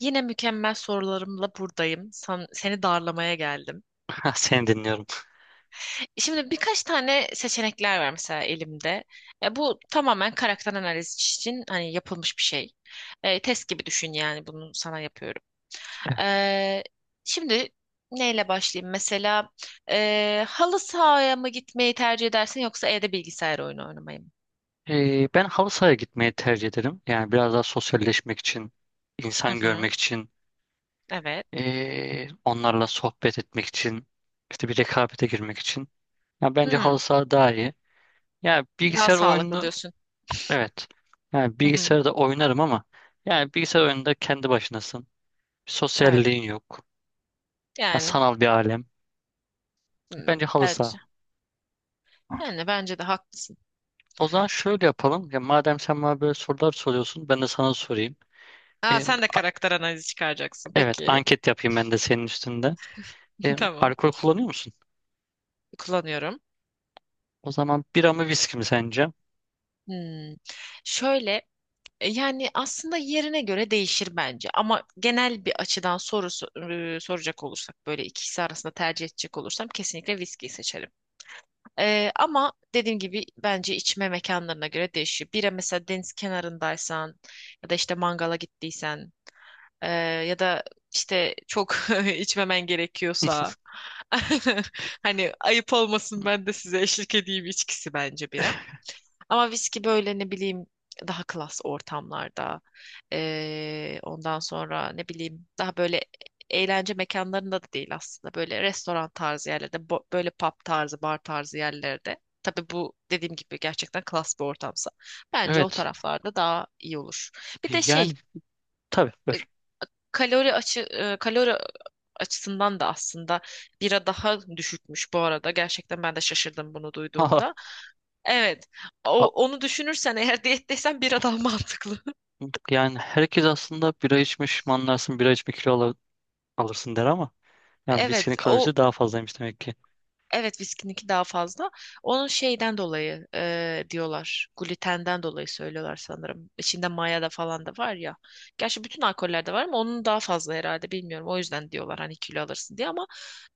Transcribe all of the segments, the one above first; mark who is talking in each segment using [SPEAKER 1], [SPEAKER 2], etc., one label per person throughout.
[SPEAKER 1] Yine mükemmel sorularımla buradayım. Seni darlamaya geldim.
[SPEAKER 2] Ha, seni dinliyorum.
[SPEAKER 1] Şimdi birkaç tane seçenekler var mesela elimde. Bu tamamen karakter analizi için hani yapılmış bir şey. Test gibi düşün yani bunu sana yapıyorum. E, şimdi neyle başlayayım? Mesela halı sahaya mı gitmeyi tercih edersin yoksa evde bilgisayar oyunu oynamayı mı?
[SPEAKER 2] Ben halı sahaya gitmeyi tercih ederim. Yani biraz daha sosyalleşmek için,
[SPEAKER 1] Hı
[SPEAKER 2] insan
[SPEAKER 1] hı,
[SPEAKER 2] görmek için,
[SPEAKER 1] evet.
[SPEAKER 2] onlarla sohbet etmek için, işte bir rekabete girmek için. Ya bence halı
[SPEAKER 1] Hı,
[SPEAKER 2] saha daha iyi. Yani
[SPEAKER 1] daha
[SPEAKER 2] bilgisayar
[SPEAKER 1] sağlıklı
[SPEAKER 2] oyunu,
[SPEAKER 1] diyorsun.
[SPEAKER 2] evet. Yani
[SPEAKER 1] Hı hı,
[SPEAKER 2] bilgisayarda oynarım ama yani bilgisayar oyununda kendi başınasın.
[SPEAKER 1] evet.
[SPEAKER 2] Sosyalliğin yok. Ya
[SPEAKER 1] Yani
[SPEAKER 2] sanal bir alem. Bence halı
[SPEAKER 1] bence.
[SPEAKER 2] saha.
[SPEAKER 1] Yani bence de haklısın.
[SPEAKER 2] O zaman şöyle yapalım. Ya madem sen bana böyle sorular soruyorsun, ben de sana sorayım.
[SPEAKER 1] Aa, sen de karakter analizi çıkaracaksın.
[SPEAKER 2] Evet,
[SPEAKER 1] Peki.
[SPEAKER 2] anket yapayım ben de senin üstünde.
[SPEAKER 1] Tamam.
[SPEAKER 2] Alkol kullanıyor musun?
[SPEAKER 1] Kullanıyorum.
[SPEAKER 2] O zaman bira mı viski mi sence?
[SPEAKER 1] Hmm. Şöyle yani aslında yerine göre değişir bence ama genel bir açıdan soracak olursak böyle ikisi arasında tercih edecek olursam kesinlikle viskiyi seçerim. Ama dediğim gibi bence içme mekanlarına göre değişiyor. Bira mesela deniz kenarındaysan ya da işte mangala gittiysen e, ya da işte çok içmemen gerekiyorsa hani ayıp olmasın ben de size eşlik edeyim içkisi bence bira. Ama viski böyle ne bileyim daha klas ortamlarda. Ondan sonra ne bileyim daha böyle eğlence mekanlarında da değil aslında. Böyle restoran tarzı yerlerde, böyle pub tarzı, bar tarzı yerlerde. Tabii bu dediğim gibi gerçekten klas bir ortamsa. Bence o
[SPEAKER 2] Evet.
[SPEAKER 1] taraflarda daha iyi olur. Bir de
[SPEAKER 2] Yani,
[SPEAKER 1] şey.
[SPEAKER 2] tabii, buyur.
[SPEAKER 1] Kalori açısından da aslında bira daha düşükmüş bu arada. Gerçekten ben de şaşırdım bunu
[SPEAKER 2] Haha.
[SPEAKER 1] duyduğumda. Evet. O,
[SPEAKER 2] A-
[SPEAKER 1] onu düşünürsen eğer diyetteysen bira daha mantıklı.
[SPEAKER 2] Yani herkes aslında bira içmiş, manlarsın, bira içme kilo alırsın der ama yani viskinin
[SPEAKER 1] Evet.
[SPEAKER 2] kalorisi daha fazlaymış demek ki.
[SPEAKER 1] Evet, viskininki daha fazla. Onun şeyden dolayı diyorlar. Glutenden dolayı söylüyorlar sanırım. İçinde maya da falan da var ya. Gerçi bütün alkollerde var ama onun daha fazla herhalde bilmiyorum. O yüzden diyorlar hani kilo alırsın diye ama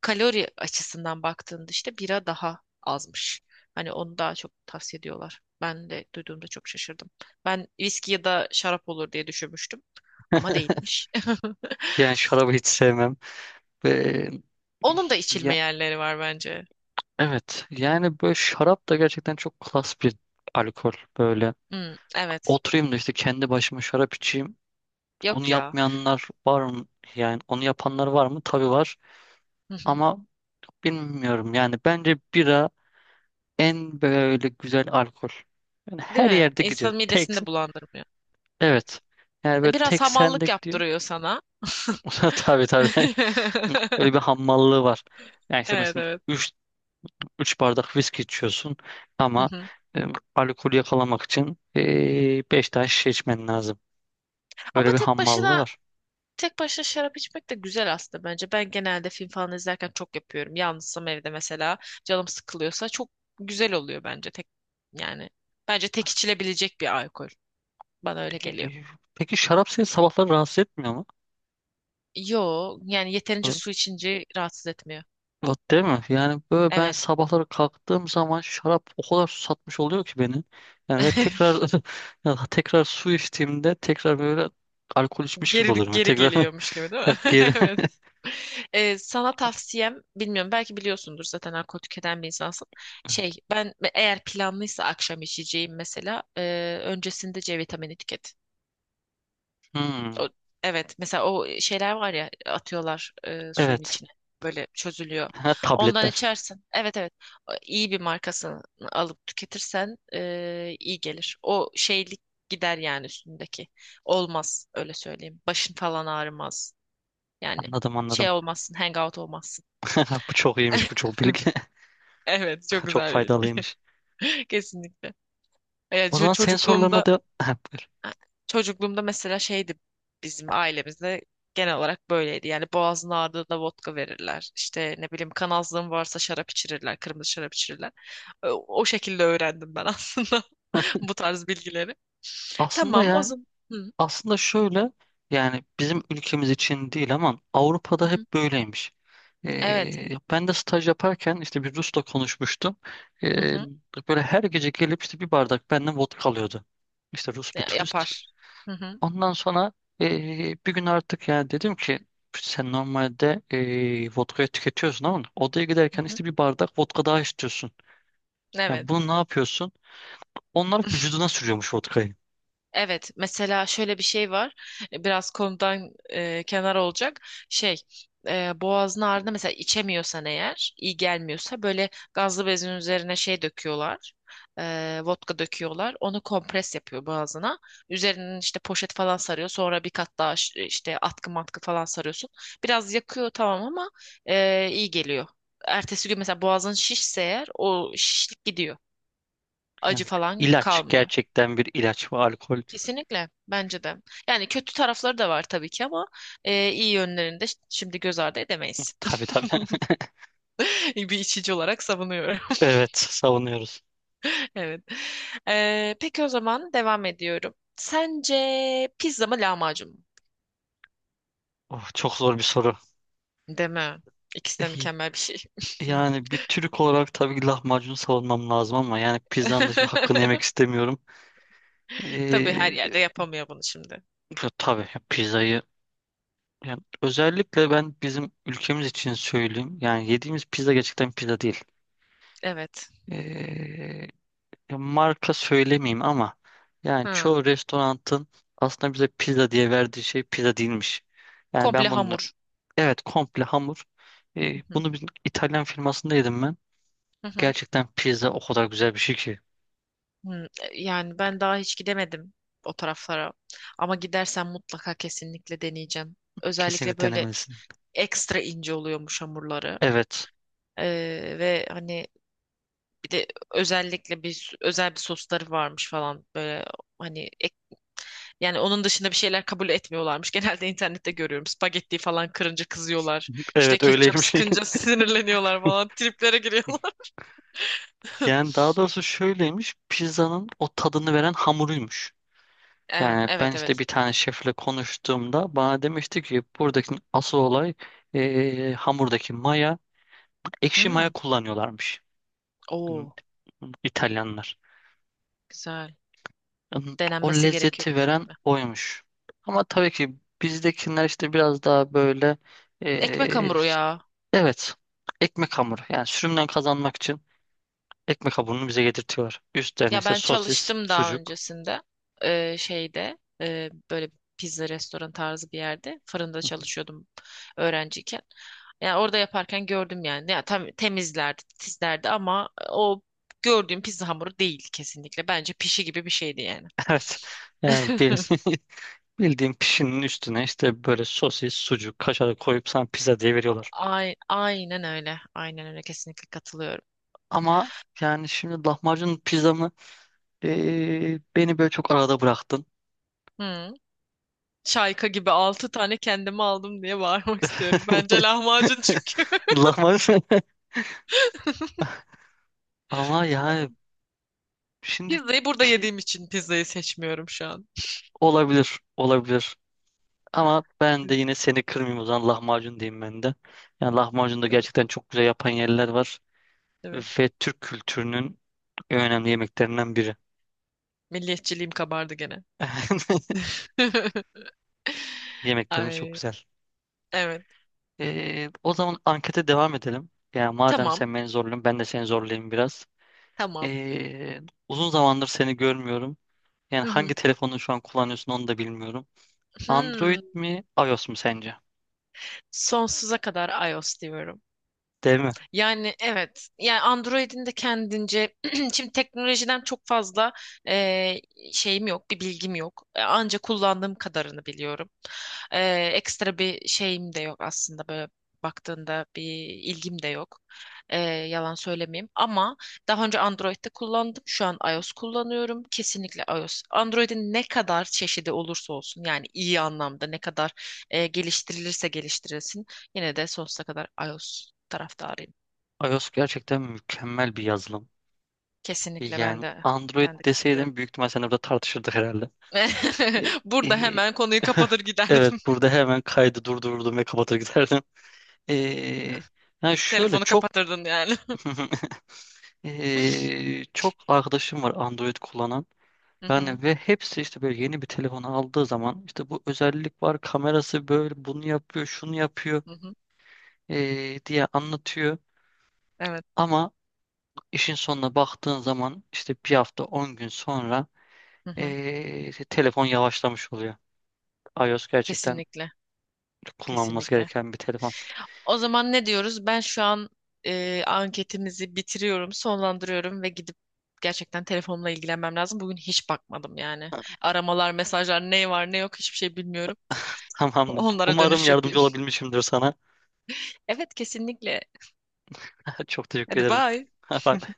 [SPEAKER 1] kalori açısından baktığında işte bira daha azmış. Hani onu daha çok tavsiye ediyorlar. Ben de duyduğumda çok şaşırdım. Ben viski ya da şarap olur diye düşünmüştüm ama değilmiş.
[SPEAKER 2] Yani şarabı hiç sevmem. Ve
[SPEAKER 1] Onun da içilme
[SPEAKER 2] Ya,
[SPEAKER 1] yerleri var bence.
[SPEAKER 2] evet, yani böyle şarap da gerçekten çok klas bir alkol böyle.
[SPEAKER 1] Hmm, evet.
[SPEAKER 2] Oturayım da işte kendi başıma şarap içeyim. Onu
[SPEAKER 1] Yok ya.
[SPEAKER 2] yapmayanlar var mı? Yani onu yapanlar var mı? Tabii var. Ama bilmiyorum, yani bence bira en böyle güzel alkol. Yani
[SPEAKER 1] Değil
[SPEAKER 2] her
[SPEAKER 1] mi?
[SPEAKER 2] yerde gidiyor.
[SPEAKER 1] İnsanın
[SPEAKER 2] Tek,
[SPEAKER 1] midesini de bulandırmıyor.
[SPEAKER 2] evet. Yani böyle
[SPEAKER 1] Biraz
[SPEAKER 2] tek sende
[SPEAKER 1] hamallık
[SPEAKER 2] gidiyor.
[SPEAKER 1] yaptırıyor sana.
[SPEAKER 2] Tabii, tabii. Böyle bir hammallığı var. Yani işte
[SPEAKER 1] Evet,
[SPEAKER 2] mesela
[SPEAKER 1] evet.
[SPEAKER 2] üç bardak viski içiyorsun
[SPEAKER 1] Hı
[SPEAKER 2] ama
[SPEAKER 1] hı.
[SPEAKER 2] e, alkolü yakalamak için 5 tane şişe içmen lazım.
[SPEAKER 1] Ama
[SPEAKER 2] Böyle bir
[SPEAKER 1] tek
[SPEAKER 2] hammallığı
[SPEAKER 1] başına
[SPEAKER 2] var.
[SPEAKER 1] tek başına şarap içmek de güzel aslında bence. Ben genelde film falan izlerken çok yapıyorum. Yalnızsam evde mesela canım sıkılıyorsa çok güzel oluyor bence tek yani bence tek
[SPEAKER 2] As-
[SPEAKER 1] içilebilecek bir alkol. Bana öyle geliyor.
[SPEAKER 2] e, peki şarap seni sabahları rahatsız etmiyor mu?
[SPEAKER 1] Yo, yani yeterince su içince rahatsız etmiyor.
[SPEAKER 2] Bak, değil mi? Yani böyle ben
[SPEAKER 1] Evet.
[SPEAKER 2] sabahları kalktığım zaman şarap o kadar susatmış oluyor ki beni. Yani ve tekrar ya, tekrar su içtiğimde tekrar böyle alkol içmiş gibi
[SPEAKER 1] Geri
[SPEAKER 2] olurum. Yani
[SPEAKER 1] geri
[SPEAKER 2] tekrar
[SPEAKER 1] geliyormuş gibi değil mi?
[SPEAKER 2] ya geri.
[SPEAKER 1] Evet. Sana tavsiyem bilmiyorum, belki biliyorsundur zaten, alkol tüketen bir insansın. Şey, ben eğer planlıysa akşam içeceğim mesela, öncesinde C vitamini tüket.
[SPEAKER 2] Hmm,
[SPEAKER 1] O, evet, mesela o şeyler var ya atıyorlar suyun
[SPEAKER 2] evet.
[SPEAKER 1] içine böyle çözülüyor.
[SPEAKER 2] Ha,
[SPEAKER 1] Ondan
[SPEAKER 2] tabletler.
[SPEAKER 1] içersin. Evet, evet. O iyi bir markasını alıp tüketirsen iyi gelir. O şeylik gider yani üstündeki. Olmaz, öyle söyleyeyim. Başın falan ağrımaz. Yani
[SPEAKER 2] Anladım,
[SPEAKER 1] şey
[SPEAKER 2] anladım.
[SPEAKER 1] olmazsın, hangout olmazsın.
[SPEAKER 2] Bu çok iyiymiş, bu çok bilgi.
[SPEAKER 1] Evet, çok
[SPEAKER 2] Çok
[SPEAKER 1] güzel bir bilgi.
[SPEAKER 2] faydalıymış.
[SPEAKER 1] Kesinlikle. Ya,
[SPEAKER 2] O zaman senin sorularına da ha, buyur.
[SPEAKER 1] çocukluğumda mesela şeydi, bizim ailemizde genel olarak böyleydi. Yani boğazın ağrıdığında vodka verirler. İşte ne bileyim kanazlığın varsa şarap içirirler, kırmızı şarap içirirler. O şekilde öğrendim ben aslında bu tarz bilgileri.
[SPEAKER 2] Aslında
[SPEAKER 1] Tamam, o
[SPEAKER 2] ya,
[SPEAKER 1] zaman. Hı,
[SPEAKER 2] aslında şöyle, yani bizim ülkemiz için değil ama
[SPEAKER 1] hı,
[SPEAKER 2] Avrupa'da
[SPEAKER 1] hı.
[SPEAKER 2] hep böyleymiş.
[SPEAKER 1] Evet.
[SPEAKER 2] Ben de staj yaparken işte bir Rus'la konuşmuştum.
[SPEAKER 1] Hı
[SPEAKER 2] Ee,
[SPEAKER 1] hı.
[SPEAKER 2] Böyle her gece gelip işte bir bardak benden vodka alıyordu. İşte Rus bir turist.
[SPEAKER 1] Yapar. Hı hı.
[SPEAKER 2] Ondan sonra bir gün artık yani dedim ki sen normalde vodkayı tüketiyorsun ama odaya
[SPEAKER 1] Hı
[SPEAKER 2] giderken
[SPEAKER 1] hı.
[SPEAKER 2] işte bir bardak vodka daha istiyorsun. Yani
[SPEAKER 1] Evet.
[SPEAKER 2] bunu ne yapıyorsun? Onlar vücuduna sürüyormuş vodkayı.
[SPEAKER 1] Evet, mesela şöyle bir şey var. Biraz konudan kenar olacak. Şey, boğazın ağrıda mesela içemiyorsan eğer, iyi gelmiyorsa böyle gazlı bezin üzerine şey döküyorlar. Vodka döküyorlar. Onu kompres yapıyor boğazına. Üzerinin işte poşet falan sarıyor. Sonra bir kat daha işte atkı matkı falan sarıyorsun. Biraz yakıyor tamam ama iyi geliyor. Ertesi gün mesela boğazın şişse eğer o şişlik gidiyor.
[SPEAKER 2] Yani
[SPEAKER 1] Acı falan
[SPEAKER 2] ilaç,
[SPEAKER 1] kalmıyor.
[SPEAKER 2] gerçekten bir ilaç ve alkol.
[SPEAKER 1] Kesinlikle, bence de. Yani kötü tarafları da var tabii ki ama iyi yönlerini de şimdi göz ardı edemeyiz.
[SPEAKER 2] Tabii, tabii.
[SPEAKER 1] Bir içici olarak savunuyorum.
[SPEAKER 2] Evet, savunuyoruz.
[SPEAKER 1] Evet. Peki o zaman devam ediyorum. Sence pizza mı lahmacun mu?
[SPEAKER 2] Oh, çok zor bir soru.
[SPEAKER 1] Değil mi? İkisi de
[SPEAKER 2] E,
[SPEAKER 1] mükemmel bir şey.
[SPEAKER 2] Yani bir Türk olarak tabii ki lahmacunu savunmam lazım ama yani pizzanın da şimdi hakkını yemek istemiyorum.
[SPEAKER 1] Tabii her
[SPEAKER 2] E,
[SPEAKER 1] yerde yapamıyor bunu şimdi.
[SPEAKER 2] Ya tabii, ya pizzayı, yani özellikle ben bizim ülkemiz için söyleyeyim. Yani yediğimiz pizza gerçekten pizza değil.
[SPEAKER 1] Evet.
[SPEAKER 2] E, Ya marka söylemeyeyim ama yani
[SPEAKER 1] Hı.
[SPEAKER 2] çoğu restoranın aslında bize pizza diye verdiği şey pizza değilmiş. Yani ben
[SPEAKER 1] Komple
[SPEAKER 2] bunu,
[SPEAKER 1] hamur.
[SPEAKER 2] evet, komple hamur.
[SPEAKER 1] Hı hı.
[SPEAKER 2] Bunu bir İtalyan firmasında yedim ben.
[SPEAKER 1] Hı hı.
[SPEAKER 2] Gerçekten pizza o kadar güzel bir şey ki.
[SPEAKER 1] Hmm, yani ben daha hiç gidemedim o taraflara. Ama gidersen mutlaka kesinlikle deneyeceğim. Özellikle
[SPEAKER 2] Kesinlikle
[SPEAKER 1] böyle
[SPEAKER 2] denemelisin.
[SPEAKER 1] ekstra ince oluyormuş hamurları.
[SPEAKER 2] Evet.
[SPEAKER 1] Ve hani bir de özellikle özel bir sosları varmış falan böyle hani yani onun dışında bir şeyler kabul etmiyorlarmış. Genelde internette görüyorum. Spagetti falan kırınca kızıyorlar. İşte
[SPEAKER 2] Evet,
[SPEAKER 1] ketçap
[SPEAKER 2] öyleymiş.
[SPEAKER 1] sıkınca sinirleniyorlar falan. Triplere giriyorlar.
[SPEAKER 2] Yani daha doğrusu şöyleymiş. Pizzanın o tadını veren hamuruymuş.
[SPEAKER 1] Ee,
[SPEAKER 2] Yani ben
[SPEAKER 1] Evet
[SPEAKER 2] işte
[SPEAKER 1] evet.
[SPEAKER 2] bir tane şefle konuştuğumda bana demişti ki buradaki asıl olay hamurdaki maya. Ekşi
[SPEAKER 1] Hmm.
[SPEAKER 2] maya kullanıyorlarmış. Hani
[SPEAKER 1] Oo,
[SPEAKER 2] İtalyanlar.
[SPEAKER 1] güzel.
[SPEAKER 2] O
[SPEAKER 1] Denenmesi gerekiyor
[SPEAKER 2] lezzeti
[SPEAKER 1] kesin.
[SPEAKER 2] veren oymuş. Ama tabii ki bizdekiler işte biraz daha böyle,
[SPEAKER 1] Ekmek
[SPEAKER 2] eee,
[SPEAKER 1] hamuru ya.
[SPEAKER 2] evet, ekmek hamuru. Yani sürümden kazanmak için ekmek hamurunu bize getirtiyorlar. Üstlerine
[SPEAKER 1] Ya
[SPEAKER 2] işte
[SPEAKER 1] ben
[SPEAKER 2] sosis,
[SPEAKER 1] çalıştım daha
[SPEAKER 2] sucuk.
[SPEAKER 1] öncesinde. Böyle pizza restoran tarzı bir yerde fırında çalışıyordum öğrenciyken. Yani orada yaparken gördüm yani. Ya tam temizlerdi, titizlerdi ama o gördüğüm pizza hamuru değil kesinlikle. Bence pişi gibi bir şeydi yani.
[SPEAKER 2] Evet. Yani bildiğin pişinin üstüne işte böyle sosis, sucuk, kaşar koyup sana pizza diye veriyorlar.
[SPEAKER 1] Ay, aynen öyle. Aynen öyle, kesinlikle katılıyorum.
[SPEAKER 2] Ama yani şimdi lahmacun pizzamı beni böyle çok arada bıraktın.
[SPEAKER 1] Hı. Şayka gibi altı tane kendime aldım diye bağırmak istiyorum. Bence lahmacun çünkü.
[SPEAKER 2] Lahmacun, ama yani, şimdi
[SPEAKER 1] Pizzayı burada
[SPEAKER 2] pi
[SPEAKER 1] yediğim için pizzayı seçmiyorum şu an.
[SPEAKER 2] olabilir, olabilir. Ama ben de yine seni kırmayayım, o zaman lahmacun diyeyim ben de. Yani lahmacun da
[SPEAKER 1] Evet.
[SPEAKER 2] gerçekten çok güzel yapan yerler var.
[SPEAKER 1] Evet.
[SPEAKER 2] Ve Türk kültürünün en önemli yemeklerinden biri.
[SPEAKER 1] Milliyetçiliğim kabardı gene.
[SPEAKER 2] Yemeklerimiz çok
[SPEAKER 1] Ay,
[SPEAKER 2] güzel.
[SPEAKER 1] evet.
[SPEAKER 2] O zaman ankete devam edelim. Yani madem
[SPEAKER 1] Tamam.
[SPEAKER 2] sen beni zorluyorsun ben de seni zorlayayım biraz.
[SPEAKER 1] Tamam.
[SPEAKER 2] Ee, Uzun zamandır seni görmüyorum. Yani
[SPEAKER 1] Hı
[SPEAKER 2] hangi
[SPEAKER 1] hı.
[SPEAKER 2] telefonu şu an kullanıyorsun onu da bilmiyorum. Android
[SPEAKER 1] Hmm.
[SPEAKER 2] mi iOS mu sence?
[SPEAKER 1] Sonsuza kadar iOS diyorum.
[SPEAKER 2] Değil mi?
[SPEAKER 1] Yani evet. Yani Android'in de kendince şimdi teknolojiden çok fazla eee, şeyim yok, bir bilgim yok. Anca kullandığım kadarını biliyorum. Ekstra bir şeyim de yok aslında, böyle baktığında bir ilgim de yok. Yalan söylemeyeyim. Ama daha önce Android'de kullandım. Şu an iOS kullanıyorum. Kesinlikle iOS. Android'in ne kadar çeşidi olursa olsun, yani iyi anlamda ne kadar geliştirilirse geliştirilsin, yine de sonsuza kadar iOS taraftarıyım.
[SPEAKER 2] iOS gerçekten mükemmel bir yazılım.
[SPEAKER 1] Kesinlikle, ben
[SPEAKER 2] Yani
[SPEAKER 1] de
[SPEAKER 2] Android
[SPEAKER 1] ben de katılıyorum.
[SPEAKER 2] deseydim büyük ihtimal seninle burada tartışırdık herhalde. E,
[SPEAKER 1] Burada
[SPEAKER 2] e,
[SPEAKER 1] hemen konuyu kapatır
[SPEAKER 2] evet,
[SPEAKER 1] giderdim.
[SPEAKER 2] burada hemen kaydı durdururdum ve kapatır giderdim. E, Yani şöyle
[SPEAKER 1] Telefonu
[SPEAKER 2] çok
[SPEAKER 1] kapatırdın yani.
[SPEAKER 2] çok arkadaşım var Android kullanan.
[SPEAKER 1] Hı hı,
[SPEAKER 2] Yani ve hepsi işte böyle yeni bir telefon aldığı zaman işte bu özellik var, kamerası böyle, bunu yapıyor, şunu yapıyor
[SPEAKER 1] hı hı.
[SPEAKER 2] diye anlatıyor.
[SPEAKER 1] Evet.
[SPEAKER 2] Ama işin sonuna baktığın zaman işte bir hafta 10 gün sonra
[SPEAKER 1] Hı hı.
[SPEAKER 2] telefon yavaşlamış oluyor. iOS gerçekten
[SPEAKER 1] Kesinlikle.
[SPEAKER 2] çok kullanılması
[SPEAKER 1] Kesinlikle.
[SPEAKER 2] gereken bir telefon.
[SPEAKER 1] O zaman ne diyoruz? Ben şu an anketimizi bitiriyorum, sonlandırıyorum ve gidip gerçekten telefonla ilgilenmem lazım. Bugün hiç bakmadım yani. Aramalar, mesajlar, ne var ne yok hiçbir şey bilmiyorum.
[SPEAKER 2] Tamamdır.
[SPEAKER 1] Onlara
[SPEAKER 2] Umarım
[SPEAKER 1] dönüş yapayım.
[SPEAKER 2] yardımcı olabilmişimdir sana.
[SPEAKER 1] Evet, kesinlikle.
[SPEAKER 2] Çok teşekkür
[SPEAKER 1] Hadi
[SPEAKER 2] ederim.
[SPEAKER 1] bye.
[SPEAKER 2] Bye.